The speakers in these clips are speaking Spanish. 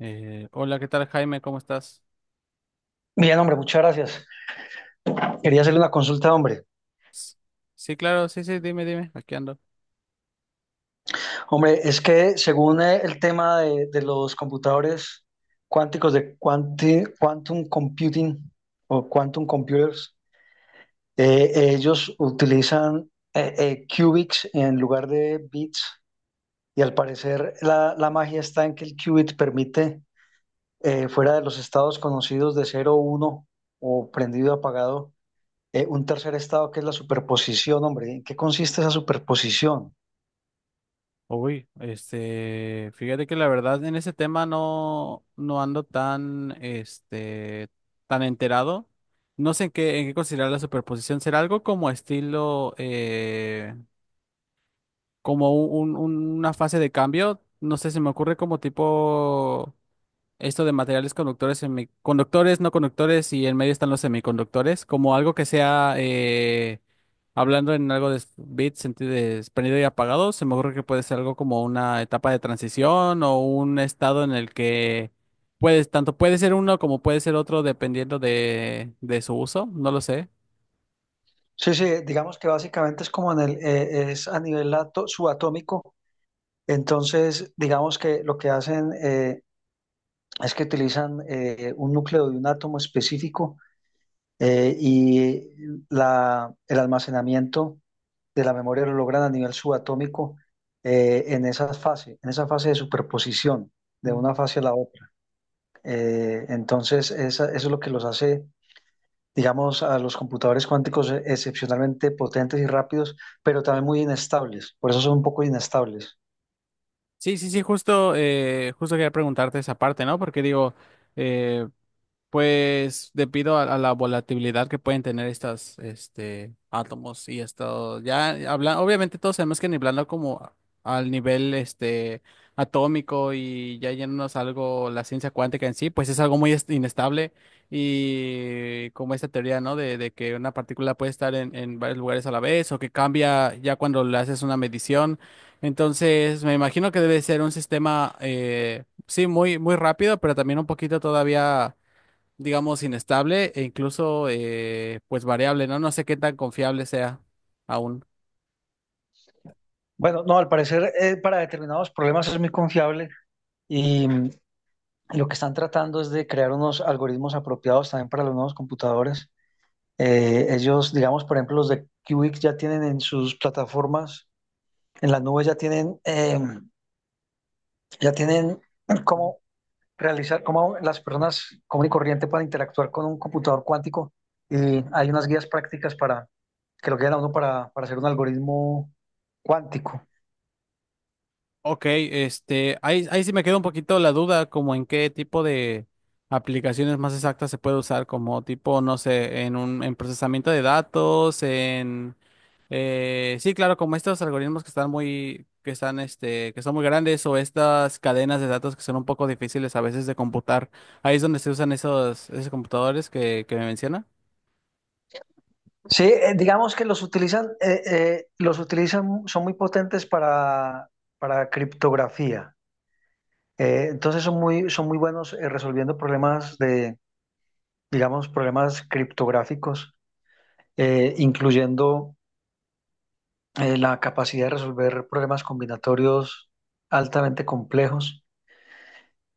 Hola, ¿qué tal, Jaime? ¿Cómo estás? Bien, hombre, muchas gracias. Quería hacerle una consulta, hombre. S- Sí, claro, sí, sí, dime, dime, aquí ando. Hombre, es que según el tema de los computadores cuánticos de quantum computing o quantum computers, ellos utilizan qubits en lugar de bits y al parecer la magia está en que el qubit permite, fuera de los estados conocidos de cero, uno o prendido, apagado, un tercer estado que es la superposición, hombre. ¿En qué consiste esa superposición? Uy, este, fíjate que la verdad en ese tema no ando tan, este, tan enterado. No sé en qué considerar la superposición. ¿Será algo como estilo, como una fase de cambio? No sé, se me ocurre como tipo esto de materiales conductores, semiconductores, no conductores y en medio están los semiconductores, como algo que sea, hablando en algo de bits, sentido de prendido y apagado, se me ocurre que puede ser algo como una etapa de transición o un estado en el que puedes, tanto puede ser uno como puede ser otro dependiendo de su uso, no lo sé. Sí, sí, digamos que básicamente es como en es a nivel subatómico. Entonces, digamos que lo que hacen es que utilizan un núcleo de un átomo específico eh, y el almacenamiento de la memoria lo logran a nivel subatómico, en esa fase de superposición de Mm. una fase a la otra. Entonces, eso es lo que los hace, digamos, a los computadores cuánticos excepcionalmente potentes y rápidos, pero también muy inestables. Por eso son un poco inestables. Sí, sí, sí, justo, justo quería preguntarte esa parte, ¿no? Porque digo, eh, pues debido a la volatilidad que pueden tener estos este, átomos y esto, ya hablan, obviamente todos sabemos que hablando como al nivel este, atómico y ya yéndonos a algo, la ciencia cuántica en sí, pues es algo muy inestable y como esta teoría, ¿no? De que una partícula puede estar en varios lugares a la vez o que cambia ya cuando le haces una medición. Entonces, me imagino que debe ser un sistema, sí, muy, muy rápido, pero también un poquito todavía digamos, inestable e incluso, pues, variable, ¿no? No sé qué tan confiable sea aún. Bueno, no, al parecer para determinados problemas es muy confiable y, y lo que están tratando es de crear unos algoritmos apropiados también para los nuevos computadores. Ellos, digamos, por ejemplo, los de Qwik ya tienen en sus plataformas, en la nube ya tienen, ya tienen como realizar, cómo las personas común y corriente pueden interactuar con un computador cuántico, y hay unas guías prácticas para que lo guían a uno para hacer un algoritmo cuántico. Ok, este, ahí, ahí sí me queda un poquito la duda, como en qué tipo de aplicaciones más exactas se puede usar, como tipo, no sé, en un, en procesamiento de datos, en, sí, claro, como estos algoritmos que están muy, que están, este, que son muy grandes o estas cadenas de datos que son un poco difíciles a veces de computar. Ahí es donde se usan esos, esos computadores que me menciona. Sí, digamos que los utilizan, son muy potentes para criptografía. Entonces son son muy buenos resolviendo problemas de, digamos, problemas criptográficos, incluyendo la capacidad de resolver problemas combinatorios altamente complejos,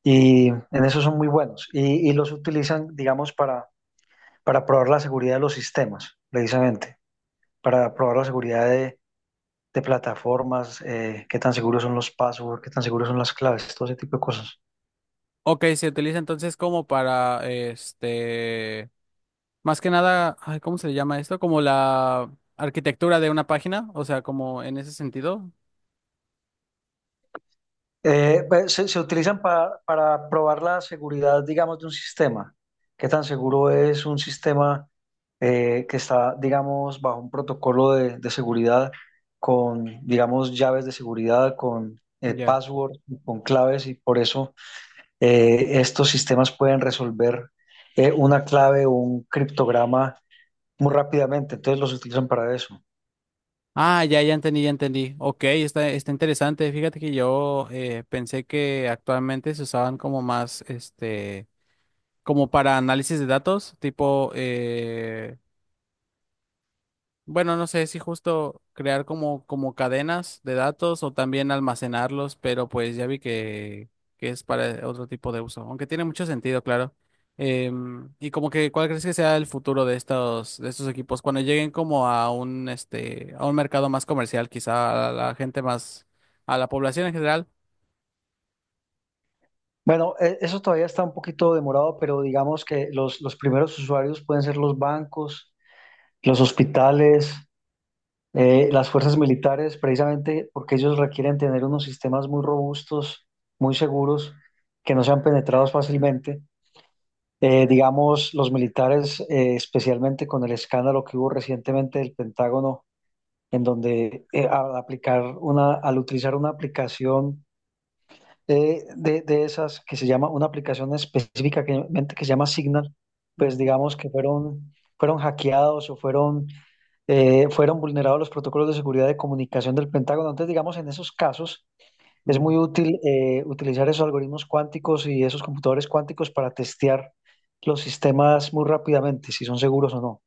y en eso son muy buenos, y los utilizan, digamos, para probar la seguridad de los sistemas, precisamente, para probar la seguridad de plataformas, qué tan seguros son los passwords, qué tan seguros son las claves, todo ese tipo de cosas. Ok, se utiliza entonces como para, este, más que nada, ay, ¿cómo se le llama esto? Como la arquitectura de una página, o sea, como en ese sentido. Pues, se utilizan para probar la seguridad, digamos, de un sistema, qué tan seguro es un sistema que está, digamos, bajo un protocolo de seguridad con, digamos, llaves de seguridad, con Ya. password, con claves, y por eso estos sistemas pueden resolver una clave o un criptograma muy rápidamente, entonces los utilizan para eso. Ah, ya, ya entendí, ya entendí. Ok, está, está interesante. Fíjate que yo pensé que actualmente se usaban como más, este, como para análisis de datos, tipo, bueno, no sé si justo crear como, como cadenas de datos o también almacenarlos, pero pues ya vi que es para otro tipo de uso, aunque tiene mucho sentido, claro. Y como que, ¿cuál crees que sea el futuro de estos equipos? Cuando lleguen como a un, este, a un mercado más comercial, quizá a la gente más, a la población en general. Bueno, eso todavía está un poquito demorado, pero digamos que los primeros usuarios pueden ser los bancos, los hospitales, las fuerzas militares, precisamente porque ellos requieren tener unos sistemas muy robustos, muy seguros, que no sean penetrados fácilmente. Digamos, los militares, especialmente con el escándalo que hubo recientemente del Pentágono, en donde al utilizar una aplicación de esas que se llama, una aplicación específica que se llama Signal, pues Ujú. digamos que fueron, fueron hackeados o fueron, fueron vulnerados los protocolos de seguridad de comunicación del Pentágono. Entonces, digamos, en esos casos es Mm. muy Sí. útil utilizar esos algoritmos cuánticos y esos computadores cuánticos para testear los sistemas muy rápidamente, si son seguros o no.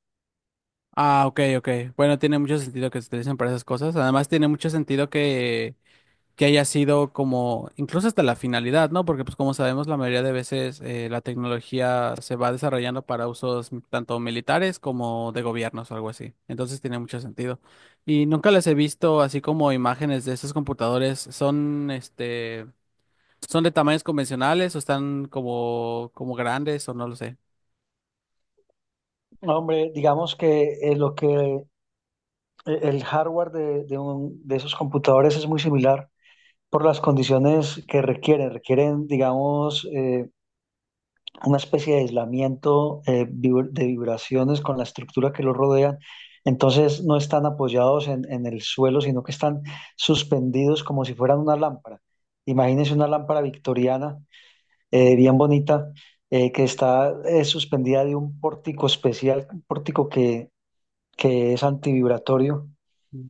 Ah, ok, ok. Bueno, tiene mucho sentido que se utilicen para esas cosas. Además, tiene mucho sentido que haya sido como, incluso hasta la finalidad, ¿no? Porque pues como sabemos, la mayoría de veces la tecnología se va desarrollando para usos tanto militares como de gobiernos o algo así. Entonces tiene mucho sentido. Y nunca les he visto así como imágenes de esos computadores. Son, este, son de tamaños convencionales o están como, como grandes o no lo sé. No, hombre, digamos que lo que el hardware de de esos computadores es muy similar por las condiciones que requieren. Requieren, digamos, una especie de aislamiento de vibraciones con la estructura que los rodean. Entonces no están apoyados en el suelo, sino que están suspendidos como si fueran una lámpara. Imagínense una lámpara victoriana, bien bonita, que está suspendida de un pórtico especial, un pórtico que es antivibratorio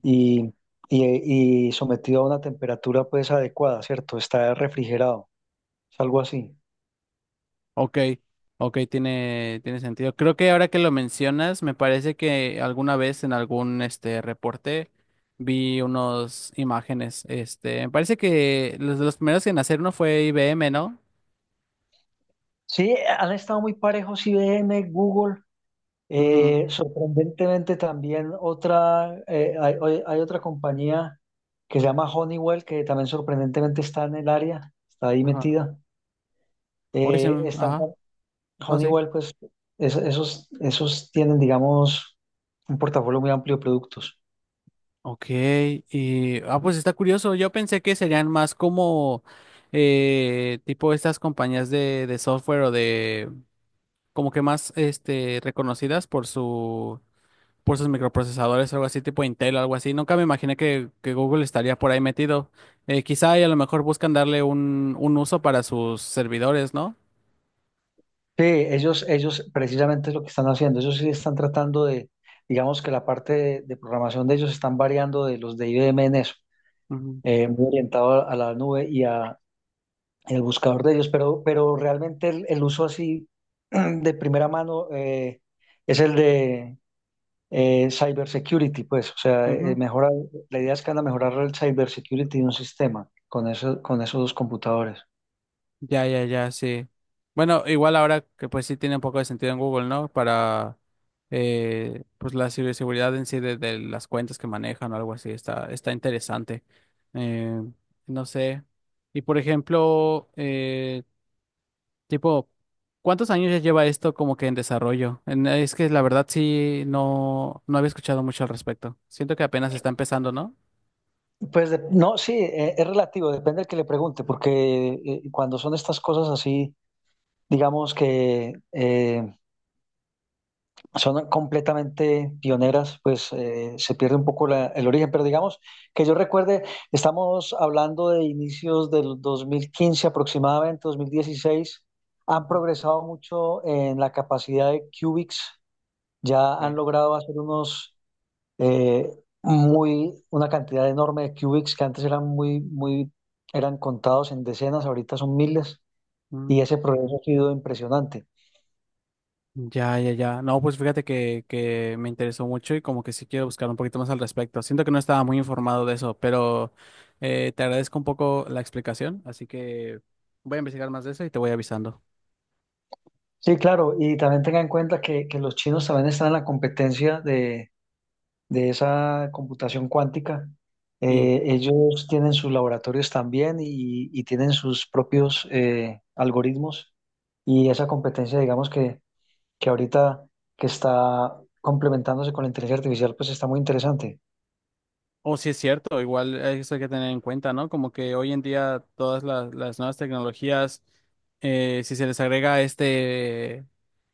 y, y sometido a una temperatura pues adecuada, ¿cierto? Está refrigerado, es algo así. Ok, ok, tiene, tiene sentido. Creo que ahora que lo mencionas, me parece que alguna vez en algún este reporte vi unas imágenes. Este, me parece que los de los primeros en hacer uno fue IBM, ¿no? Sí, han estado muy parejos IBM, Google. Ujú. Sorprendentemente también otra, hay otra compañía que se llama Honeywell, que también sorprendentemente está en el área, está ahí Ajá. metida. Hoy se Eh, está, ajá. No sé. Honeywell, pues esos, esos tienen, digamos, un portafolio muy amplio de productos. Ok, y ah, pues está curioso. Yo pensé que serían más como tipo estas compañías de software o de como que más este reconocidas por su por sus microprocesadores, algo así, tipo Intel, algo así. Nunca me imaginé que Google estaría por ahí metido. Quizá y a lo mejor buscan darle un uso para sus servidores, ¿no? Sí, ellos precisamente es lo que están haciendo. Ellos sí están tratando de, digamos que la parte de programación de ellos están variando de los de IBM en eso, Ujú, muy orientado a la nube y a el buscador de ellos, pero realmente el uso así de primera mano es el de cybersecurity, pues, o sea, ujú. mejora, la idea es que van a mejorar el cybersecurity de un sistema con eso, con esos dos computadores. Ya, ya, ya, sí. Bueno, igual ahora que pues sí tiene un poco de sentido en Google, ¿no? Para pues la ciberseguridad en sí de las cuentas que manejan o algo así, está, está interesante. Eh, no sé. Y por ejemplo, tipo, ¿cuántos años ya lleva esto como que en desarrollo? Es que la verdad sí, no, no había escuchado mucho al respecto. Siento que apenas está empezando, ¿no? Pues no, sí, es relativo, depende del que le pregunte, porque cuando son estas cosas así, digamos que son completamente pioneras, pues se pierde un poco el origen. Pero digamos que yo recuerde, estamos hablando de inicios del 2015 aproximadamente, 2016, han Ujú. progresado mucho en la capacidad de qubits, ya han Ok. logrado hacer unos eh, una cantidad enorme de qubits que antes eran muy, eran contados en decenas, ahorita son miles, y Mm, ese progreso ha sido impresionante. ya, ya, ya. No, pues fíjate que me interesó mucho y como que sí quiero buscar un poquito más al respecto. Siento que no estaba muy informado de eso, pero te agradezco un poco la explicación, así que voy a investigar más de eso y te voy avisando. Sí, claro, y también tenga en cuenta que los chinos también están en la competencia de esa computación cuántica. Y Ellos tienen sus laboratorios también, y tienen sus propios algoritmos, y esa competencia, digamos que ahorita que está complementándose con la inteligencia artificial, pues está muy interesante. o si es cierto, igual eso hay que tener en cuenta, ¿no? Como que hoy en día todas las nuevas tecnologías, si se les agrega este,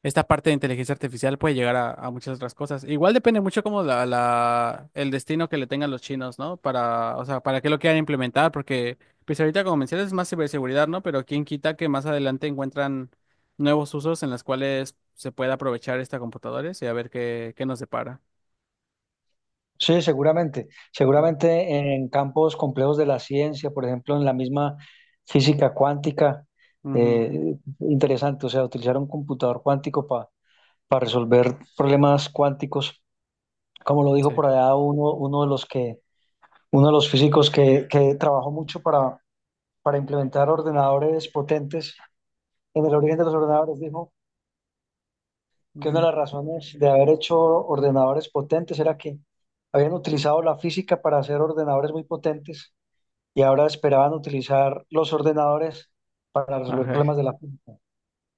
esta parte de inteligencia artificial, puede llegar a muchas otras cosas. Igual depende mucho como la, el destino que le tengan los chinos, ¿no? Para, o sea, para qué lo quieran implementar, porque pues ahorita como mencionas es más ciberseguridad, ¿no? Pero quién quita que más adelante encuentran nuevos usos en los cuales se pueda aprovechar esta computadora y a ver qué, qué nos depara. Sí, seguramente. Ujú, Seguramente en campos complejos de la ciencia, por ejemplo, en la misma física cuántica, ujú. Interesante, o sea, utilizar un computador cuántico para resolver problemas cuánticos, como lo dijo Sí. por allá uno, uno de los físicos que trabajó mucho para implementar ordenadores potentes en el origen de los ordenadores, dijo que una de Ujú. las razones de haber hecho ordenadores potentes era que habían utilizado la física para hacer ordenadores muy potentes y ahora esperaban utilizar los ordenadores para resolver Ajá. problemas de la finca,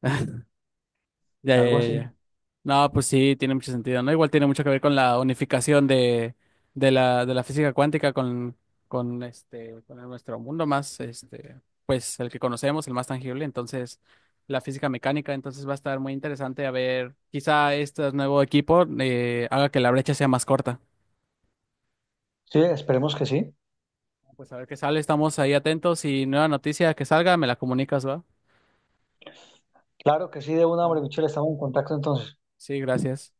Ya, ya, algo ya, así. ya. No, pues sí, tiene mucho sentido, ¿no? Igual tiene mucho que ver con la unificación de la física cuántica con este, con nuestro mundo más, este, pues el que conocemos, el más tangible, entonces la física mecánica, entonces va a estar muy interesante a ver, quizá este nuevo equipo haga que la brecha sea más corta. Sí, esperemos que sí. Pues a ver qué sale, estamos ahí atentos y nueva noticia que salga, me la comunicas, ¿va? Claro que sí, de una, hombre, Ah, Michelle, estamos en contacto entonces. sí, gracias.